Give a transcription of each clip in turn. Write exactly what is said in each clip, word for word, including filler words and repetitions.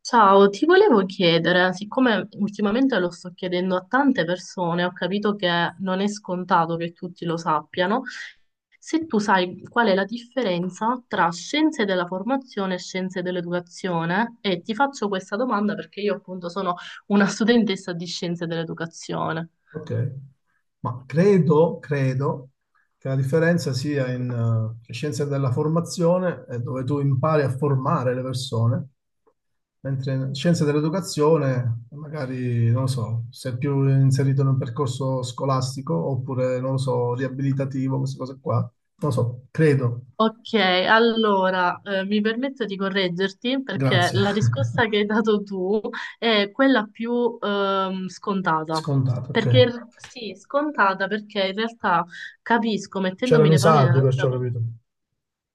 Ciao, ti volevo chiedere, siccome ultimamente lo sto chiedendo a tante persone, ho capito che non è scontato che tutti lo sappiano, se tu sai qual è la differenza tra scienze della formazione e scienze dell'educazione, e ti faccio questa domanda perché io appunto sono una studentessa di scienze dell'educazione. Ok, ma credo, credo che la differenza sia in eh, scienze della formazione, eh, dove tu impari a formare le persone, mentre in scienze dell'educazione, magari, non lo so, sei più inserito in un percorso scolastico oppure, non lo so, riabilitativo, queste cose qua. Non lo so, credo. Ok, allora eh, mi permetto di correggerti perché Grazie. la risposta che hai dato tu è quella più ehm, scontata. Scontato, ok. Perché sì, scontata perché in realtà capisco, mettendomi C'erano i nei panni sardi, della perciò ho capito.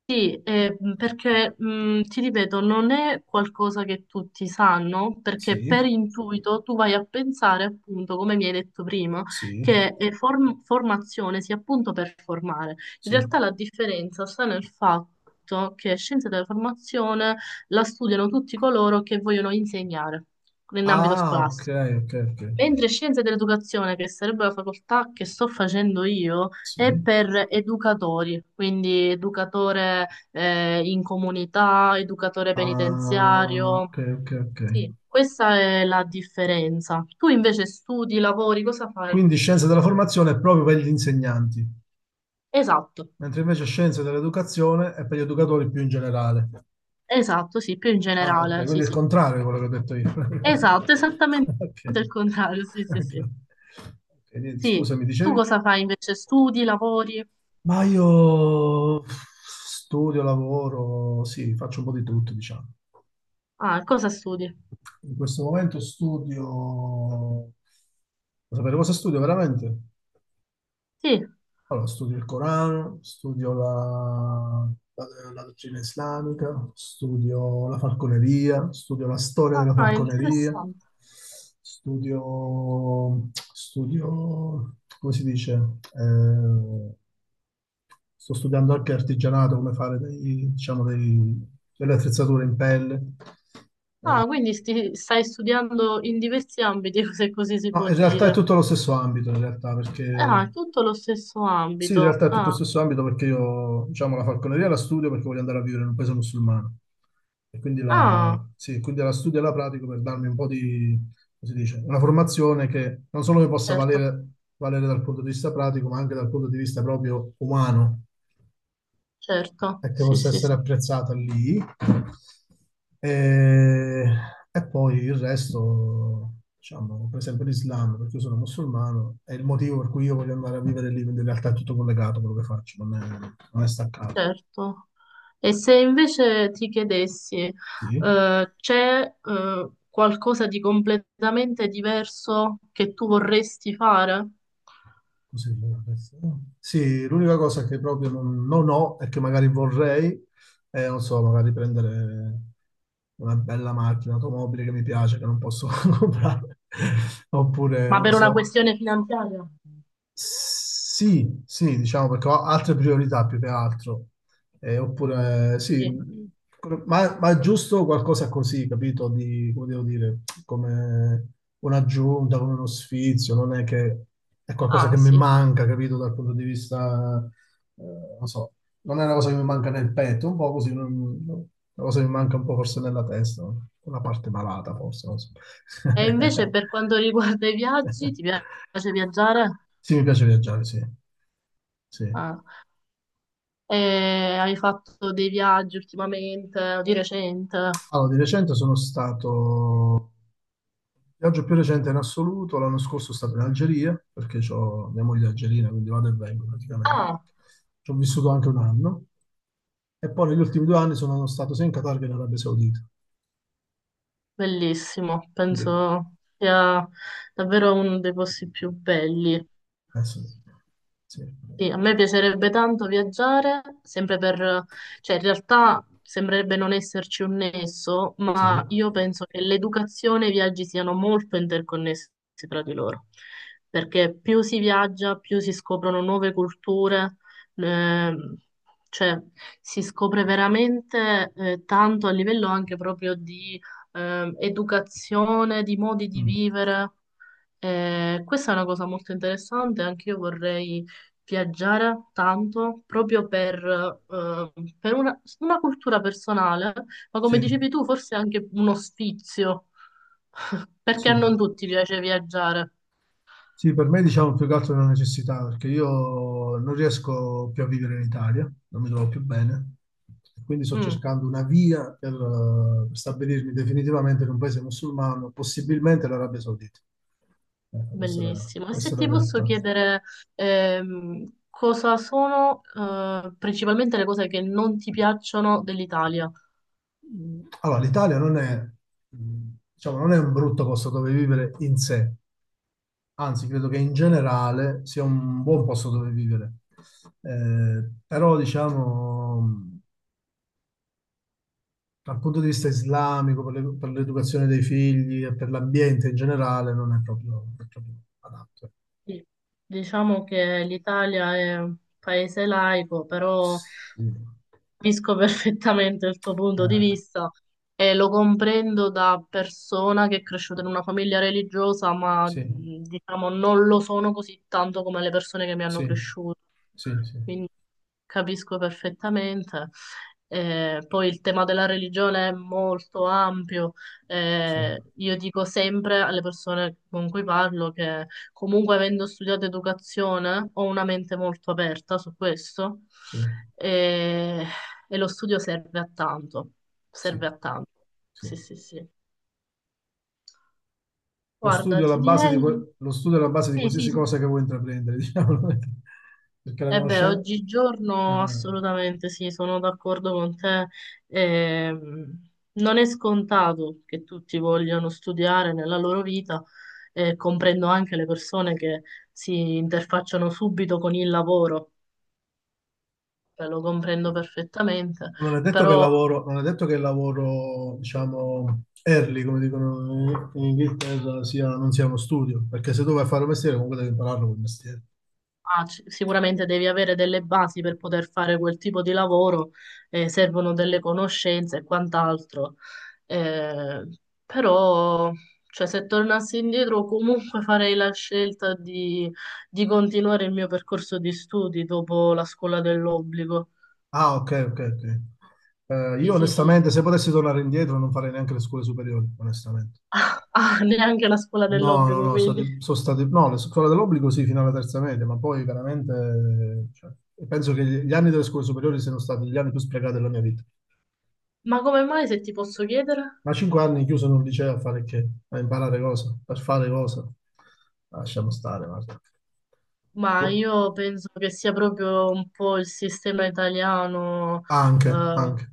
sì, eh, mh, perché mh, ti ripeto, non è qualcosa che tutti sanno, perché per Sì, intuito tu vai a pensare appunto, come mi hai detto prima, sì, che eh, form- formazione sia appunto per formare. In sì. realtà la differenza sta nel fatto che scienze della formazione la studiano tutti coloro che vogliono insegnare in ambito Ah, ok, scolastico. ok, ok. Mentre scienze dell'educazione, che sarebbe la facoltà che sto facendo io, è Sì. per educatori, quindi educatore eh, in comunità, educatore Ah, ok, penitenziario. ok, ok. Sì, questa è la differenza. Tu invece studi, lavori, cosa fai? Quindi scienze della formazione è proprio per gli insegnanti, Esatto, mentre invece scienze dell'educazione è per gli educatori più in generale. esatto, sì, più in Ah, ok, generale, sì, quindi è il sì. contrario di quello che ho detto io. Esatto, esattamente Ok, il contrario, sì, sì, ok. sì. Ok, niente, Sì, scusa, mi tu dicevi? cosa fai invece? Studi, lavori? Ma io studio, lavoro, sì, faccio un po' di tutto, diciamo. Ah, cosa studi? In questo momento studio... Vuoi sapere cosa studio veramente? Sì, Allora, studio il Corano, studio la, la- la dottrina islamica, studio la falconeria, studio la storia della ah, falconeria, interessante. studio, studio, come si dice? Eh, Sto studiando anche artigianato, come fare dei- diciamo, dei- delle attrezzature in pelle. Ah, quindi sti- stai studiando in diversi ambiti, se così si No, può in realtà è dire. tutto lo stesso ambito, in realtà, perché Ah, tutto lo stesso sì, in ambito. realtà è tutto lo Ah, stesso ambito perché io, diciamo, la falconeria la studio perché voglio andare a vivere in un paese musulmano. E quindi ah, la, sì, quindi la studio e la pratico per darmi un po' di, come si dice, una formazione che non solo mi possa certo, valere, valere dal punto di vista pratico, ma anche dal punto di vista proprio umano, certo, e che sì, possa sì, sì, essere apprezzata lì. E, e poi il resto, diciamo, per esempio l'Islam, perché io sono musulmano, è il motivo per cui io voglio andare a vivere lì, quindi in realtà è tutto collegato quello che faccio, non è, non è staccato. certo. E se invece ti chiedessi, Sì. eh, c'è, eh, qualcosa di completamente diverso che tu vorresti fare? Così, adesso. Sì, l'unica cosa che proprio non, non ho e che magari vorrei è, non so, magari prendere una bella macchina, automobile che mi piace, che non posso comprare, oppure, Ma non per una so, questione finanziaria? sì, sì, diciamo perché ho altre priorità più che altro. Eh, oppure, sì, Sì. ma, ma è giusto qualcosa così, capito? Di, come devo dire, come un'aggiunta, come uno sfizio, non è che è qualcosa Ah, che mi sì. manca, capito? Dal punto di vista, eh, non so, non è una cosa che mi manca nel petto, un po' così, non- non- una cosa che mi manca un po' forse nella testa, una parte malata forse, non so. E invece per quanto riguarda i viaggi, ti piace viaggiare? Sì, mi piace viaggiare, sì. Sì. Ah. E hai fatto dei viaggi ultimamente o di recente? Allora, di recente sono stato, il viaggio più recente in assoluto, l'anno scorso sono stato in Algeria, perché ho mia moglie è algerina, quindi vado e vengo praticamente. Ah, Ci ho vissuto anche un anno, e poi negli ultimi due anni sono stato sia in Qatar che in Arabia Saudita. bellissimo, Quindi, penso sia davvero uno dei posti più belli. eh sì, sì, Sì, a me piacerebbe tanto viaggiare, sempre per, cioè in realtà sembrerebbe non esserci un nesso, sì. ma io penso che l'educazione e i viaggi siano molto interconnessi tra di loro, perché più si viaggia, più si scoprono nuove culture, ehm, cioè si scopre veramente eh, tanto a livello anche proprio di ehm, educazione, di modi di Mm. vivere. Eh, questa è una cosa molto interessante, anche io vorrei viaggiare tanto proprio per, eh, per una, una cultura personale, ma come Sì, dicevi tu, forse anche uno sfizio, perché a sì. non tutti piace viaggiare. Sì, per me diciamo più che altro è una necessità, perché io non riesco più a vivere in Italia, non mi trovo più bene, quindi sto Mm, cercando una via per eh, stabilirmi definitivamente in un paese musulmano, possibilmente l'Arabia Saudita. Ecco, questa è la, bellissimo. E se questa è la ti posso realtà. chiedere, ehm, cosa sono, eh, principalmente le cose che non ti piacciono dell'Italia? Mm, Allora, l'Italia non è, mm, diciamo, non è un brutto posto dove vivere in sé, anzi, credo che in generale sia un buon posto dove vivere. Eh, però, diciamo, dal punto di vista islamico, per le- per l'educazione dei figli e per l'ambiente in generale, non è proprio, non è proprio adatto. Sì, diciamo che l'Italia è un paese laico, però Mm. capisco perfettamente il tuo punto di Eh, vista e lo comprendo da persona che è cresciuta in una famiglia religiosa, ma sì, mh, diciamo non lo sono così tanto come le persone che mi hanno sì, cresciuto. sì, sì, Quindi capisco perfettamente. Eh, poi il tema della religione è molto ampio. sì, Eh, io dico sempre alle persone con cui parlo che comunque avendo studiato educazione ho una mente molto aperta su questo sì, e, e lo studio serve a tanto, sì, serve a tanto. sì. Sì, sì, sì. Lo Guarda, studio è la ti base di, direi... que- lo studio è la base di Sì, sì, qualsiasi sì. cosa che vuoi intraprendere, diciamo, perché la Eh beh, conoscenza... oggigiorno assolutamente sì, sono d'accordo con te. Ehm, non è scontato che tutti vogliano studiare nella loro vita, e comprendo anche le persone che si interfacciano subito con il lavoro, eh, lo comprendo perfettamente, Non è detto che il però lavoro, non è detto che il lavoro, diciamo, early, come dicono in in Inghilterra, sia, non sia uno studio, perché se tu vai a fare un mestiere comunque devi impararlo quel mestiere. ah, c- sicuramente devi avere delle basi per poter fare quel tipo di lavoro, eh, servono delle conoscenze e quant'altro. Eh, però, cioè, se tornassi indietro, comunque farei la scelta di, di continuare il mio percorso di studi dopo la scuola dell'obbligo. Ah, ok, ok, ok. Eh, Sì, io sì, sì. onestamente, se potessi tornare indietro, non farei neanche le scuole superiori, onestamente. Ah, neanche la scuola No, no, dell'obbligo, no, quindi. stati- sono stati, no, le scuole dell'obbligo sì, fino alla terza media, ma poi veramente, cioè, penso che gli anni delle scuole superiori siano stati gli anni più sprecati della mia vita. Ma come mai, se ti posso chiedere? Ma cinque anni chiuso in un liceo a fare che? A imparare cosa? Per fare cosa? Ah, lasciamo stare, guarda. Ma Boh. io penso che sia proprio un po' il sistema italiano Anche, eh, anche.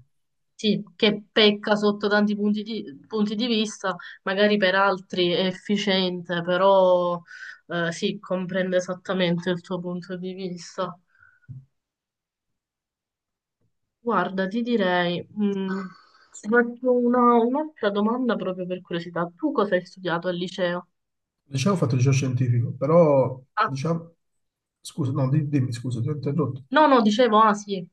sì, che pecca sotto tanti punti di, punti di vista, magari per altri è efficiente, però eh, sì, comprende esattamente il tuo punto di vista. Guarda, ti direi, mh, ti faccio una- un'altra domanda proprio per curiosità. Tu cosa hai studiato al liceo? Diciamo ho fatto liceo scientifico, però Ah, diciamo... Scusa, no, di- dimmi, scusa, ti ho interrotto. no, no, dicevo, ah sì,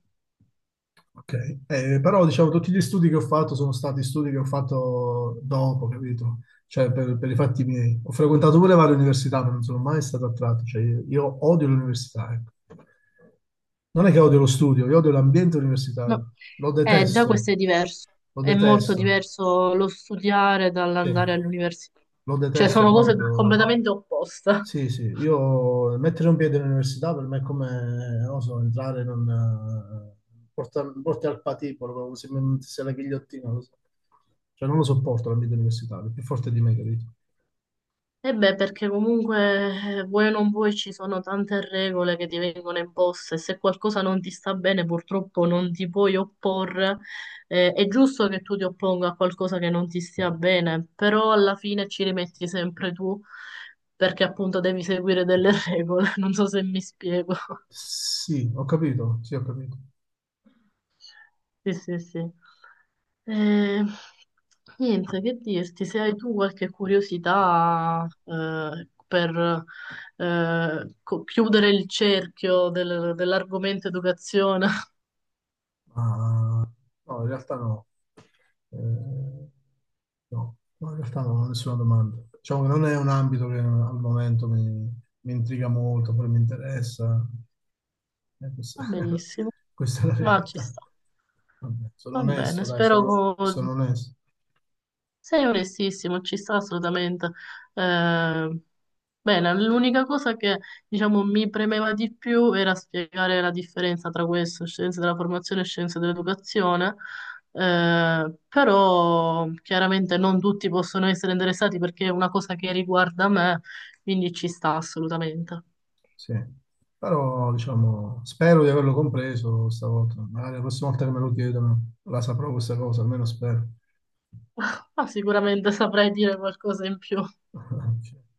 Ok, Eh, però diciamo tutti gli studi che ho fatto sono stati studi che ho fatto dopo, capito? Cioè per, per i fatti miei. Ho frequentato pure varie università, ma non sono mai stato attratto. Cioè, io, io odio l'università, ecco. Non è che odio lo studio, io odio l'ambiente no. universitario. Lo Eh, già detesto, questo è diverso, lo è molto detesto. diverso lo studiare Sì, dall'andare all'università, lo cioè detesto sono cose proprio. completamente opposte. Sì, sì, io mettere un piede all'università per me è come, non so, entrare in un... eh, porta- porti al patibolo, proprio se non ti sei la ghigliottina, lo so. Cioè non lo sopporto l'ambiente universitario, è più forte di me, capito? E beh, perché comunque eh, vuoi o non vuoi ci sono tante regole che ti vengono imposte. Se qualcosa non ti sta bene, purtroppo non ti puoi opporre. Eh, è giusto che tu ti opponga a qualcosa che non ti stia bene, però alla fine ci rimetti sempre tu, perché appunto devi seguire delle regole. Non so se mi spiego. Sì, ho capito, sì, ho capito. Sì, sì, sì. Eh, niente, che dirti, se hai tu qualche curiosità eh, per eh, co- chiudere il cerchio del- dell'argomento educazione, Ma no, in realtà no. Eh, no, no, in realtà non ho nessuna domanda. Diciamo che non è un ambito che al momento mi, mi intriga molto, poi mi interessa. Eh, va questa, benissimo, questa è la ma ci realtà. sta. Vabbè, sono Va bene, onesto, dai, spero sono, co- sono onesto. sei onestissimo, ci sta assolutamente. Eh, bene, l'unica cosa che diciamo mi premeva di più era spiegare la differenza tra questo, scienze della formazione e scienze dell'educazione, eh, però chiaramente non tutti possono essere interessati perché è una cosa che riguarda me, quindi ci sta assolutamente. Sì. Però, diciamo, spero di averlo compreso stavolta. Magari la prossima volta che me lo chiedono la saprò questa cosa, almeno spero. Ma sicuramente saprei dire qualcosa in più.